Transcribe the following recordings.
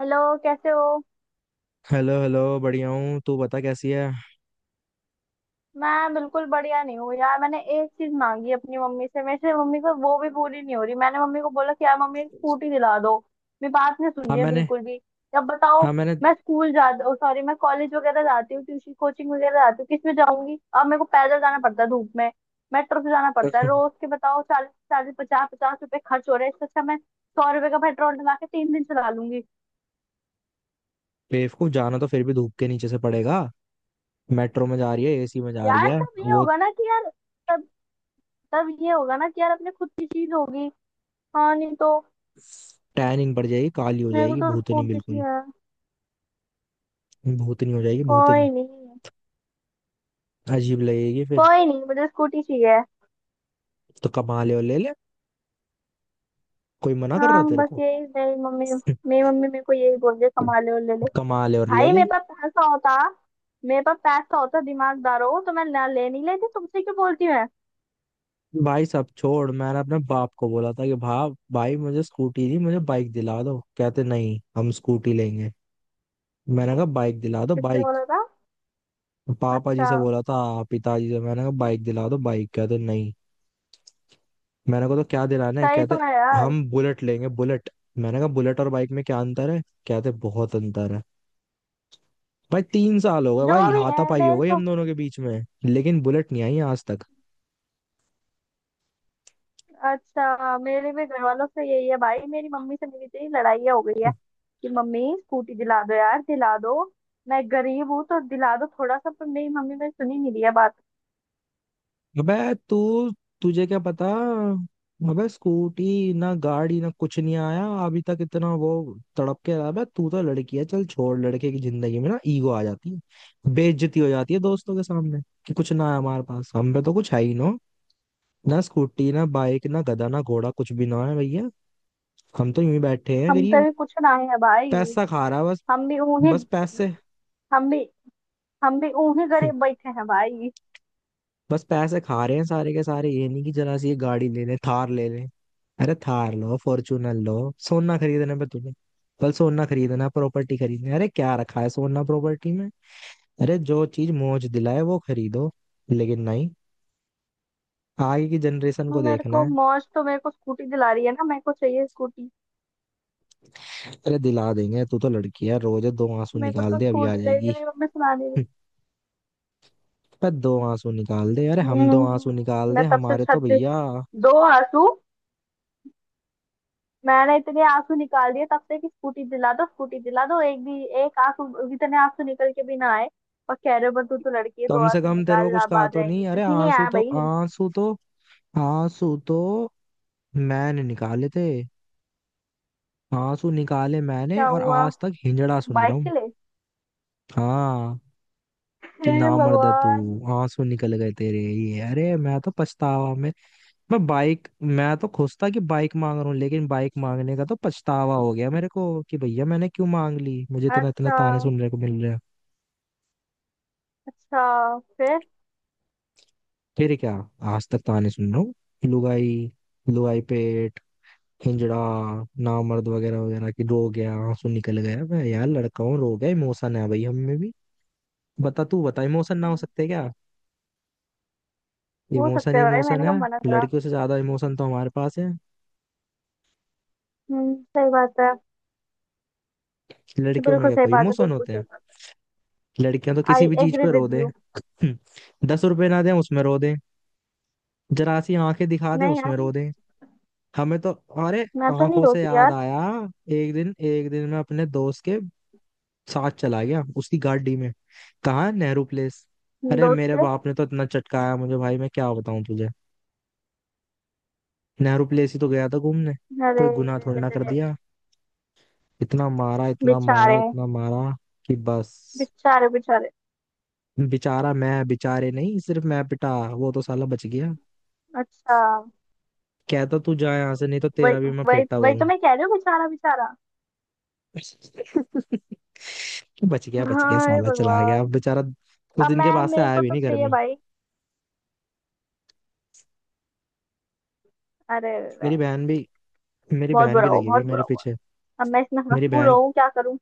Hello, कैसे हो? Hello hello बढ़िया हूँ। तू बता कैसी है? मैं बिल्कुल बढ़िया नहीं हूँ यार। मैंने एक चीज मांगी अपनी मम्मी से, मेरे से मम्मी को, वो भी पूरी नहीं हो रही। मैंने मम्मी को बोला कि यार मम्मी एक स्कूटी दिला दो। मेरी बात नहीं सुन हाँ रही है मैंने बिल्कुल भी। अब बताओ। हाँ मैंने। मैं स्कूल जा, सॉरी, मैं कॉलेज वगैरह जाती हूँ, ट्यूशन कोचिंग वगैरह जाती हूँ। किस में जाऊंगी अब? मेरे को पैदल जाना पड़ता है धूप में। मेट्रो से जाना पड़ता है। रोज के बताओ चालीस चालीस पचास पचास रुपए खर्च हो रहे हैं। इससे अच्छा मैं 100 रुपए का पेट्रोल डला के 3 दिन चला लूंगी। बेवकूफ, जाना तो फिर भी धूप के नीचे से पड़ेगा। मेट्रो में जा रही है, एसी में जा रही यार है। तब ये वो होगा ना कि यार, तब तब ये होगा ना कि यार अपने खुद की चीज होगी। हाँ नहीं तो। टैनिंग पड़ जाएगी, काली हो मेरे को जाएगी तो भूतनी स्कूटी बिल्कुल। चाहिए। भूतनी हो जाएगी भूतनी। कोई नहीं। अजीब लगेगी फिर। कोई नहीं, मुझे स्कूटी चाहिए। तो कमा ले और ले ले। कोई मना कर रहा हाँ है तेरे बस को? यही मेरी मम्मी मेरे को यही बोल रही है, कमा ले और ले ले। कमा ले और ले भाई ले। मेरे पास पैसा होता, दिमागदार हो तो मैं ना ले नहीं लेती तुमसे, क्यों बोलती हूँ मैं? भाई सब छोड़, मैंने अपने बाप को बोला था कि भाप भाई मुझे स्कूटी नहीं, मुझे बाइक दिला दो। कहते नहीं, हम स्कूटी लेंगे। मैंने कहा बाइक दिला दो किससे बाइक। बोला था? पापा जी अच्छा। से बोला था। पिताजी से मैंने कहा बाइक दिला दो बाइक। कहते नहीं। मैंने कहा तो क्या दिलाना है? सही कहते तो है यार। हम बुलेट लेंगे बुलेट। मैंने कहा बुलेट और बाइक में क्या अंतर है? कहते बहुत अंतर है। भाई 3 साल हो गए भाई, जो भी है हाथापाई हो मेरे गई को। हम दोनों के बीच में, लेकिन बुलेट नहीं आई आज तक। अच्छा मेरे भी घर वालों से यही है भाई। मेरी मम्मी से मेरी इतनी लड़ाई हो गई है कि मम्मी स्कूटी दिला दो यार, दिला दो। मैं गरीब हूँ तो दिला दो थोड़ा सा। पर मेरी मम्मी ने सुनी नहीं दिया बात। अबे तू, तुझे क्या पता। अबे स्कूटी ना, गाड़ी ना, कुछ नहीं आया अभी तक। इतना वो तड़प के रहा है। अबे तू तो लड़की है, चल छोड़। लड़के की जिंदगी में ना ईगो आ जाती है, बेइज्जती हो जाती है दोस्तों के सामने कि कुछ ना है हमारे पास, हम पे तो कुछ है ही ना। ना स्कूटी ना बाइक ना गधा ना घोड़ा, कुछ भी ना है भैया। हम तो यूं ही बैठे हैं हम तो गरीब। भी पूछना है भाई। पैसा खा रहा है बस। हम भी उन्हीं। बस पैसे हम भी हम भी उन्हीं गरीब बैठे हैं भाई। बस पैसे खा रहे हैं सारे के सारे। ये नहीं कि जरा सी ये गाड़ी ले ले, थार ले ले। अरे थार लो, फॉर्चूनर लो। सोना खरीदने पे तुम्हें, कल सोना खरीदना, प्रॉपर्टी खरीदनी। अरे क्या रखा है सोना प्रॉपर्टी में। अरे जो चीज मौज दिलाए वो खरीदो, लेकिन नहीं, आगे की जनरेशन को मेरे देखना को है। मौज तो मेरे को स्कूटी दिला रही है ना, मेरे को चाहिए स्कूटी। अरे दिला देंगे, तू तो लड़की है, रोज दो आंसू मेरे को निकाल तो दे अभी आ स्कूटी ले रही है, जाएगी। मेरी मम्मी सुना नहीं रही। हम्म, पर दो आंसू निकाल दे, अरे हम दो आंसू हम्म। निकाल दे मैं तब से हमारे तो छत पे। भैया, दो आंसू। मैंने इतने आंसू निकाल दिए तब से कि स्कूटी दिला दो स्कूटी दिला दो, एक आंसू इतने आंसू निकल के भी ना आए। और कह रहे हो पर तू तो लड़की है दो कम से आंसू कम तेरे को निकाल कुछ लाभ कहा आ तो जाएंगे, नहीं। अरे कहीं नहीं आंसू आया तो भाई। आंसू तो आंसू तो मैंने निकाले थे। आंसू निकाले मैंने क्या और हुआ? आज तक हिंजड़ा सुन रहा बाइक के हूँ। लिए? हाँ, कि हे नामर्द है तू। भगवान। आंसू निकल गए तेरे ये। अरे मैं तो पछतावा में। मैं तो खुश था कि बाइक मांग रहा हूँ, लेकिन बाइक मांगने का तो पछतावा हो गया मेरे को कि भैया मैंने क्यों मांग ली। मुझे इतना इतना अच्छा। ताने सुनने को मिल रहे हैं। अच्छा फिर? फिर क्या, आज तक ताने सुन रहा हूँ। लुगाई, लुगाई पेट, हिंजड़ा, नामर्द वगैरह वगैरह, कि रो गया आंसू निकल गया। मैं यार लड़का हूँ, रो गया। इमोशन है भाई हम में भी। बता तू बता, इमोशन ना हो हम्म, सकते क्या? हो इमोशन सकता है भाई, इमोशन मैंने है। कब मना करा? लड़कियों से ज्यादा इमोशन तो हमारे पास है। हम्म, सही बात है। लड़कियों में बिल्कुल क्या सही कोई बात है, इमोशन बिल्कुल होते सही हैं? बात लड़कियां तो है। किसी आई भी चीज एग्री पे रो विद दे। यू। 10 रुपए ना दें उसमें रो दे। जरा सी आंखें दिखा दे नहीं यार, उसमें रो दे। हमें तो, अरे मैं तो नहीं आंखों से रोती याद यार। आया, एक दिन मैं अपने दोस्त के साथ चला गया उसकी गाड़ी में, कहाँ, नेहरू प्लेस। अरे दोस्त मेरे के? बाप ने तो इतना चटकाया मुझे भाई, मैं क्या बताऊं तुझे। नेहरू प्लेस ही तो गया था घूमने, अरे, कोई गुनाह रे थोड़ी रे ना कर रे। दिया। इतना मारा इतना मारा बेचारे। इतना मारा कि बस। बेचारे बेचारे। बेचारा मैं, बेचारे नहीं, सिर्फ मैं पिटा, वो तो साला बच गया। अच्छा। कहता, तू जा यहाँ से नहीं तो वही, तेरा भी मैं वही फेटा वही भरूं। तो मैं कह रही हूँ, बेचारा बेचारा। बच गया, बच गया हाय साला, चला गया अब भगवान। बेचारा। कुछ अब दिन के मैं, बाद से मेरे आया को भी तो नहीं घर चाहिए में। भाई। अरे वे। मेरी बहन भी मेरी बहुत बहन भी बुरा हुआ, लगी हुई है बहुत मेरे बुरा हुआ। पीछे। अब मैं इसमें मेरी मजबूर बहन, हूँ, क्या करूँ?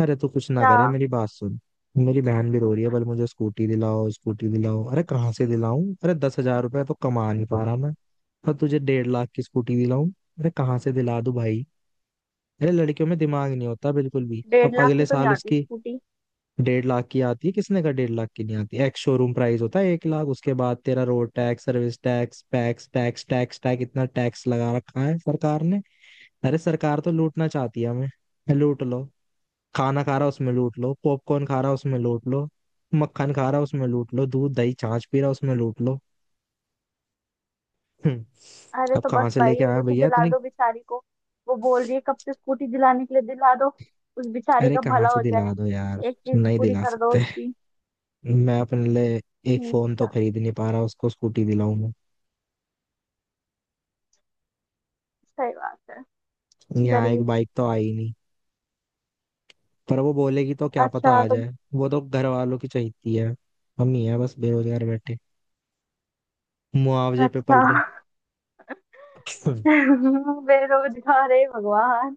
अरे तू कुछ ना क्या? करे, मेरी बात सुन। मेरी बहन भी रो रही है, बोले मुझे स्कूटी दिलाओ स्कूटी दिलाओ। अरे कहाँ से दिलाऊं? अरे 10,000 रुपये तो कमा नहीं पा रहा मैं, और तुझे 1.5 लाख की स्कूटी दिलाऊं। अरे कहाँ से दिला दूं भाई। अरे लड़कियों में दिमाग नहीं होता बिल्कुल भी। अब 1.5 लाख अगले की तो नहीं साल आती उसकी स्कूटी। 1.5 लाख की आती है। किसने का 1.5 लाख की नहीं आती, एक्स शोरूम प्राइस होता है 1 लाख, उसके बाद तेरा रोड टैक्स, सर्विस टैक्स, पैक्स टैक्स, टैक्स टैक्स, इतना टैक्स लगा रखा है सरकार ने। अरे सरकार तो लूटना चाहती है हमें। लूट लो, खाना खा रहा उसमें लूट लो, पॉपकॉर्न खा रहा उसमें लूट लो, मक्खन खा रहा उसमें लूट लो, दूध दही छाछ पी रहा उसमें लूट लो। हम्म, अरे अब तो बस कहाँ से भाई लेके अब आया उसे भैया दिला इतनी, दो बेचारी को। वो बोल रही है कब से स्कूटी दिलाने के लिए, दिला दो। उस बेचारी अरे का कहाँ भला से हो दिला जाए। दो यार। एक चीज नहीं पूरी दिला कर दो सकते। उसकी। मैं अपने लिए एक फोन तो अच्छा। खरीद नहीं पा रहा, उसको स्कूटी दिलाऊंगा। सही बात है। यहाँ एक गरीब। बाइक तो आई नहीं। पर वो बोलेगी तो क्या पता अच्छा आ तो। जाए, वो तो घर वालों की चाहती है। हम ही है बस बेरोजगार बैठे, मुआवजे पे पल अच्छा। रहे। बेरोजगार है भगवान।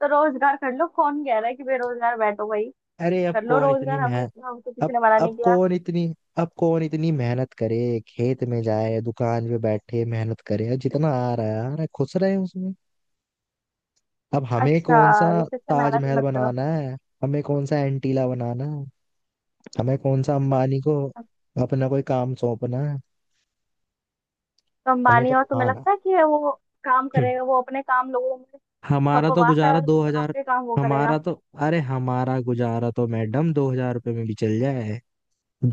तो रोजगार कर लो, कौन कह रहा है कि बेरोजगार बैठो भाई? अरे अब कर लो कौन इतनी रोजगार, मेहनत, हमको किसी अब ने मना अब नहीं किया। कौन इतनी अब कौन इतनी मेहनत करे, खेत में जाए दुकान पे बैठे मेहनत करे, जितना आ रहा है खुश रहे उसमें। अब हमें अच्छा कौन सा रिश्ते से मेहनत ही ताजमहल मत करो। बनाना है, हमें कौन सा एंटीला बनाना है, हमें कौन सा अंबानी को अपना कोई काम सौंपना है। तो हमें अंबानी तो हो, तुम्हें खाना, लगता है कि वो काम हम्म, करेगा? वो अपने काम लोगों में हमारा तो खपवाता है, गुजारा दो और हजार आपके काम वो करेगा? हमारा तो अरे हमारा गुजारा तो मैडम 2,000 रुपये में भी चल जाए।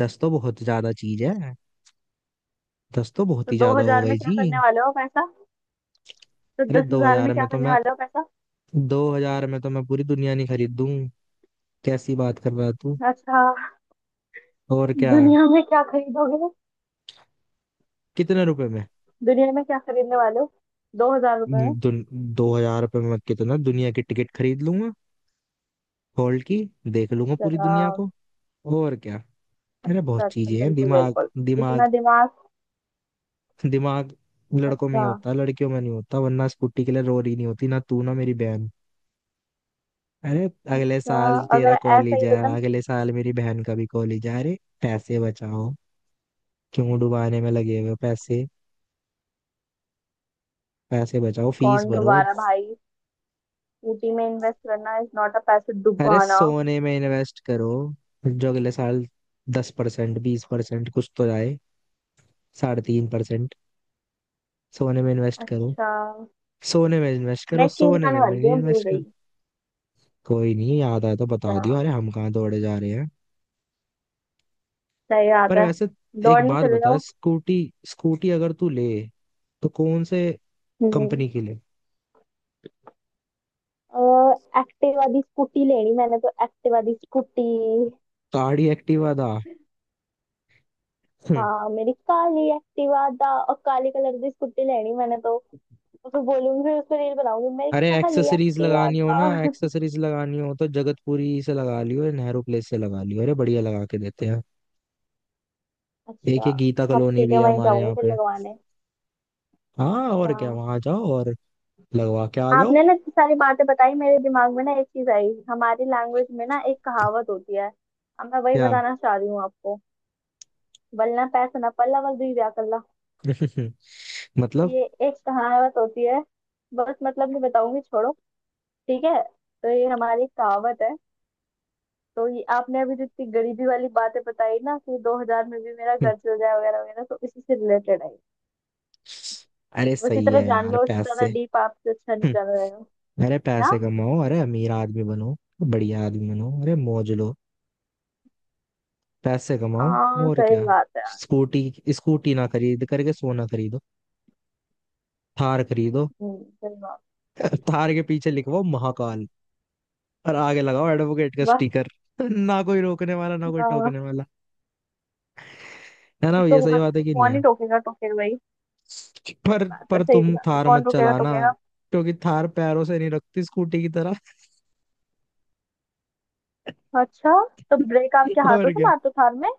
दस तो बहुत ज्यादा चीज है, दस तो बहुत तो ही दो ज्यादा हो हजार में गई क्या जी। करने वाले हो पैसा? तो अरे दस हजार में क्या करने वाले हो पैसा? दो हजार में तो मैं पूरी दुनिया नहीं खरीद दूं। कैसी बात कर रहा है तू? अच्छा। और क्या, दुनिया में क्या खरीदोगे? कितने रुपए में। दुनिया में क्या खरीदने वाले हो 2 हजार रुपए में? 2,000 रुपये में कितना दुनिया की टिकट खरीद लूंगा, हॉल की, देख लूंगा अच्छा, पूरी दुनिया को। और क्या, मेरा अच्छा बहुत अच्छा चीजें हैं, बिल्कुल दिमाग, बिल्कुल। दिमाग, इतना दिमाग। दिमाग लड़कों में ही अच्छा। होता है लड़कियों में नहीं होता, वरना स्कूटी के लिए रो रही नहीं होती ना तू ना मेरी बहन। अरे अगले अच्छा साल अगर तेरा ऐसा कॉलेज ही है, होता ना। अगले साल मेरी बहन का भी कॉलेज है। अरे पैसे बचाओ, क्यों डुबाने में लगे हुए हो? पैसे, पैसे बचाओ, फीस कौन भरो। दोबारा भाई? स्कूटी में इन्वेस्ट करना इज नॉट अ पैसे अरे डुबाना। सोने में इन्वेस्ट करो, जो अगले साल 10% 20% कुछ तो आए, 3.5%। सोने में इन्वेस्ट करो अच्छा। सोने में इन्वेस्ट मैं करो, एक चीज सोने बताने में, मैं वाली थी, नहीं, मैं भूल इन्वेस्ट गई। करो। कोई नहीं, याद आया तो बता दियो। अच्छा। अरे हम कहाँ दौड़े जा रहे हैं। सही बात पर है। वैसे एक दौड़ने बात चले बता, जाओ। स्कूटी, अगर तू ले तो कौन से हम्म। कंपनी की ले? एक्टिवा दी स्कूटी लेनी मैंने तो, एक्टिवा दी स्कूटी। गाड़ी एक्टिवा दा। हम्म, हाँ मेरी काली एक्टिवा दा, और काले कलर की स्कूटी लेनी मैंने तो। उसको बोलूंगी, फिर उस पर रील बनाऊंगी, मेरी अरे काली एक्सेसरीज एक्टिवा लगानी हो ना, दा। एक्सेसरीज लगानी हो तो जगतपुरी से लगा लियो, या नेहरू प्लेस से लगा लियो। अरे बढ़िया लगा के देते हैं। एक अच्छा। ये गीता अब कॉलोनी ठीक भी है, है वहीं हमारे जाऊंगी यहाँ फिर पे। लगवाने। हाँ और अच्छा। क्या, वहां जाओ और लगवा के आ जाओ। आपने ना इतनी सारी बातें बताई, मेरे दिमाग में ना एक चीज आई। हमारी लैंग्वेज में ना एक कहावत होती है, अब मैं वही क्या? बताना चाह रही हूँ आपको। बल्ला पैसा ना पल्ला, बल दुई ब्याह कल्ला। तो मतलब? ये एक कहावत होती है। बस मतलब नहीं बताऊंगी, छोड़ो। ठीक है। तो ये हमारी एक कहावत है। तो ये आपने अभी जितनी गरीबी वाली बातें बताई ना, कि 2 हजार में भी मेरा हम्म, घर चल जाए वगैरह वगैरह, तो इसी से रिलेटेड है। अरे बस सही इतना है जान यार, लो, इससे पैसे। ज्यादा डीप आपसे अच्छा नहीं जाना हम्म, रहेगा। अरे पैसे कमाओ, अरे अमीर आदमी बनो, बढ़िया आदमी बनो, अरे मौज लो, पैसे कमाओ, हाँ और सही क्या। बात है यार। स्कूटी, ना खरीद करके सोना खरीदो, थार खरीदो। सही बात। थार के पीछे लिखवाओ महाकाल, और आगे लगाओ एडवोकेट का बस। स्टिकर। ना कोई रोकने वाला, ना कोई हाँ। टोकने वाला। है ना, ये तो सही आज बात है तो कि नहीं कौन है? ही टोकेगा टोकेगा भाई? पर सही बात है पर सही तुम बात है, थार कौन मत टोकेगा चलाना, टोकेगा? क्योंकि थार पैरों से नहीं रखती स्कूटी की तरह। अच्छा। तो ब्रेक आपके हाथों और से क्या। मारते हो थार में?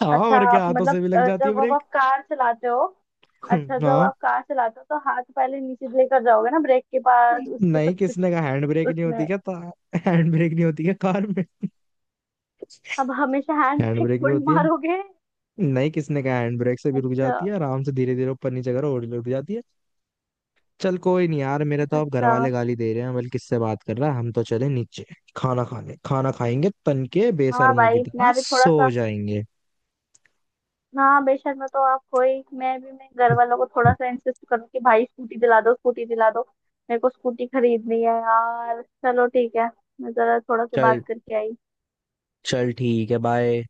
हाँ अच्छा। और क्या, आप हाथों मतलब, से भी लग जाती है जब अब ब्रेक। आप कार चलाते हो। अच्छा जब हाँ, आप कार चलाते हो तो हाथ पहले नीचे लेकर जाओगे ना ब्रेक के पास, उसके नहीं, सब कुछ? किसने कहा हैंड ब्रेक नहीं होती उसमें क्या था? हैंड ब्रेक नहीं होती क्या कार में? अब हमेशा हैंड हैंड ब्रेक ब्रेक भी थोड़ी होती है। मारोगे। नहीं, किसने कहा, हैंड ब्रेक से भी रुक अच्छा। जाती है आराम से, धीरे धीरे ऊपर नीचे करो और रुक जाती है। चल कोई नहीं यार, मेरे तो अब घर अच्छा। वाले गाली दे रहे हैं, बल्कि किससे बात कर रहा है। हम तो चले नीचे, खाना खाने। खाना खाएंगे तन के, हाँ बेशर्मों की भाई तरह मैं भी थोड़ा सो सा। जाएंगे। हाँ बेशक, मैं तो आपको ही, मैं भी, मैं घर वालों को थोड़ा सा इंसिस्ट करूँ कि भाई स्कूटी दिला दो, स्कूटी दिला दो। मेरे को स्कूटी खरीदनी है यार, चलो ठीक है। मैं जरा थोड़ा सा चल, बात करके आई। चल ठीक है, बाय।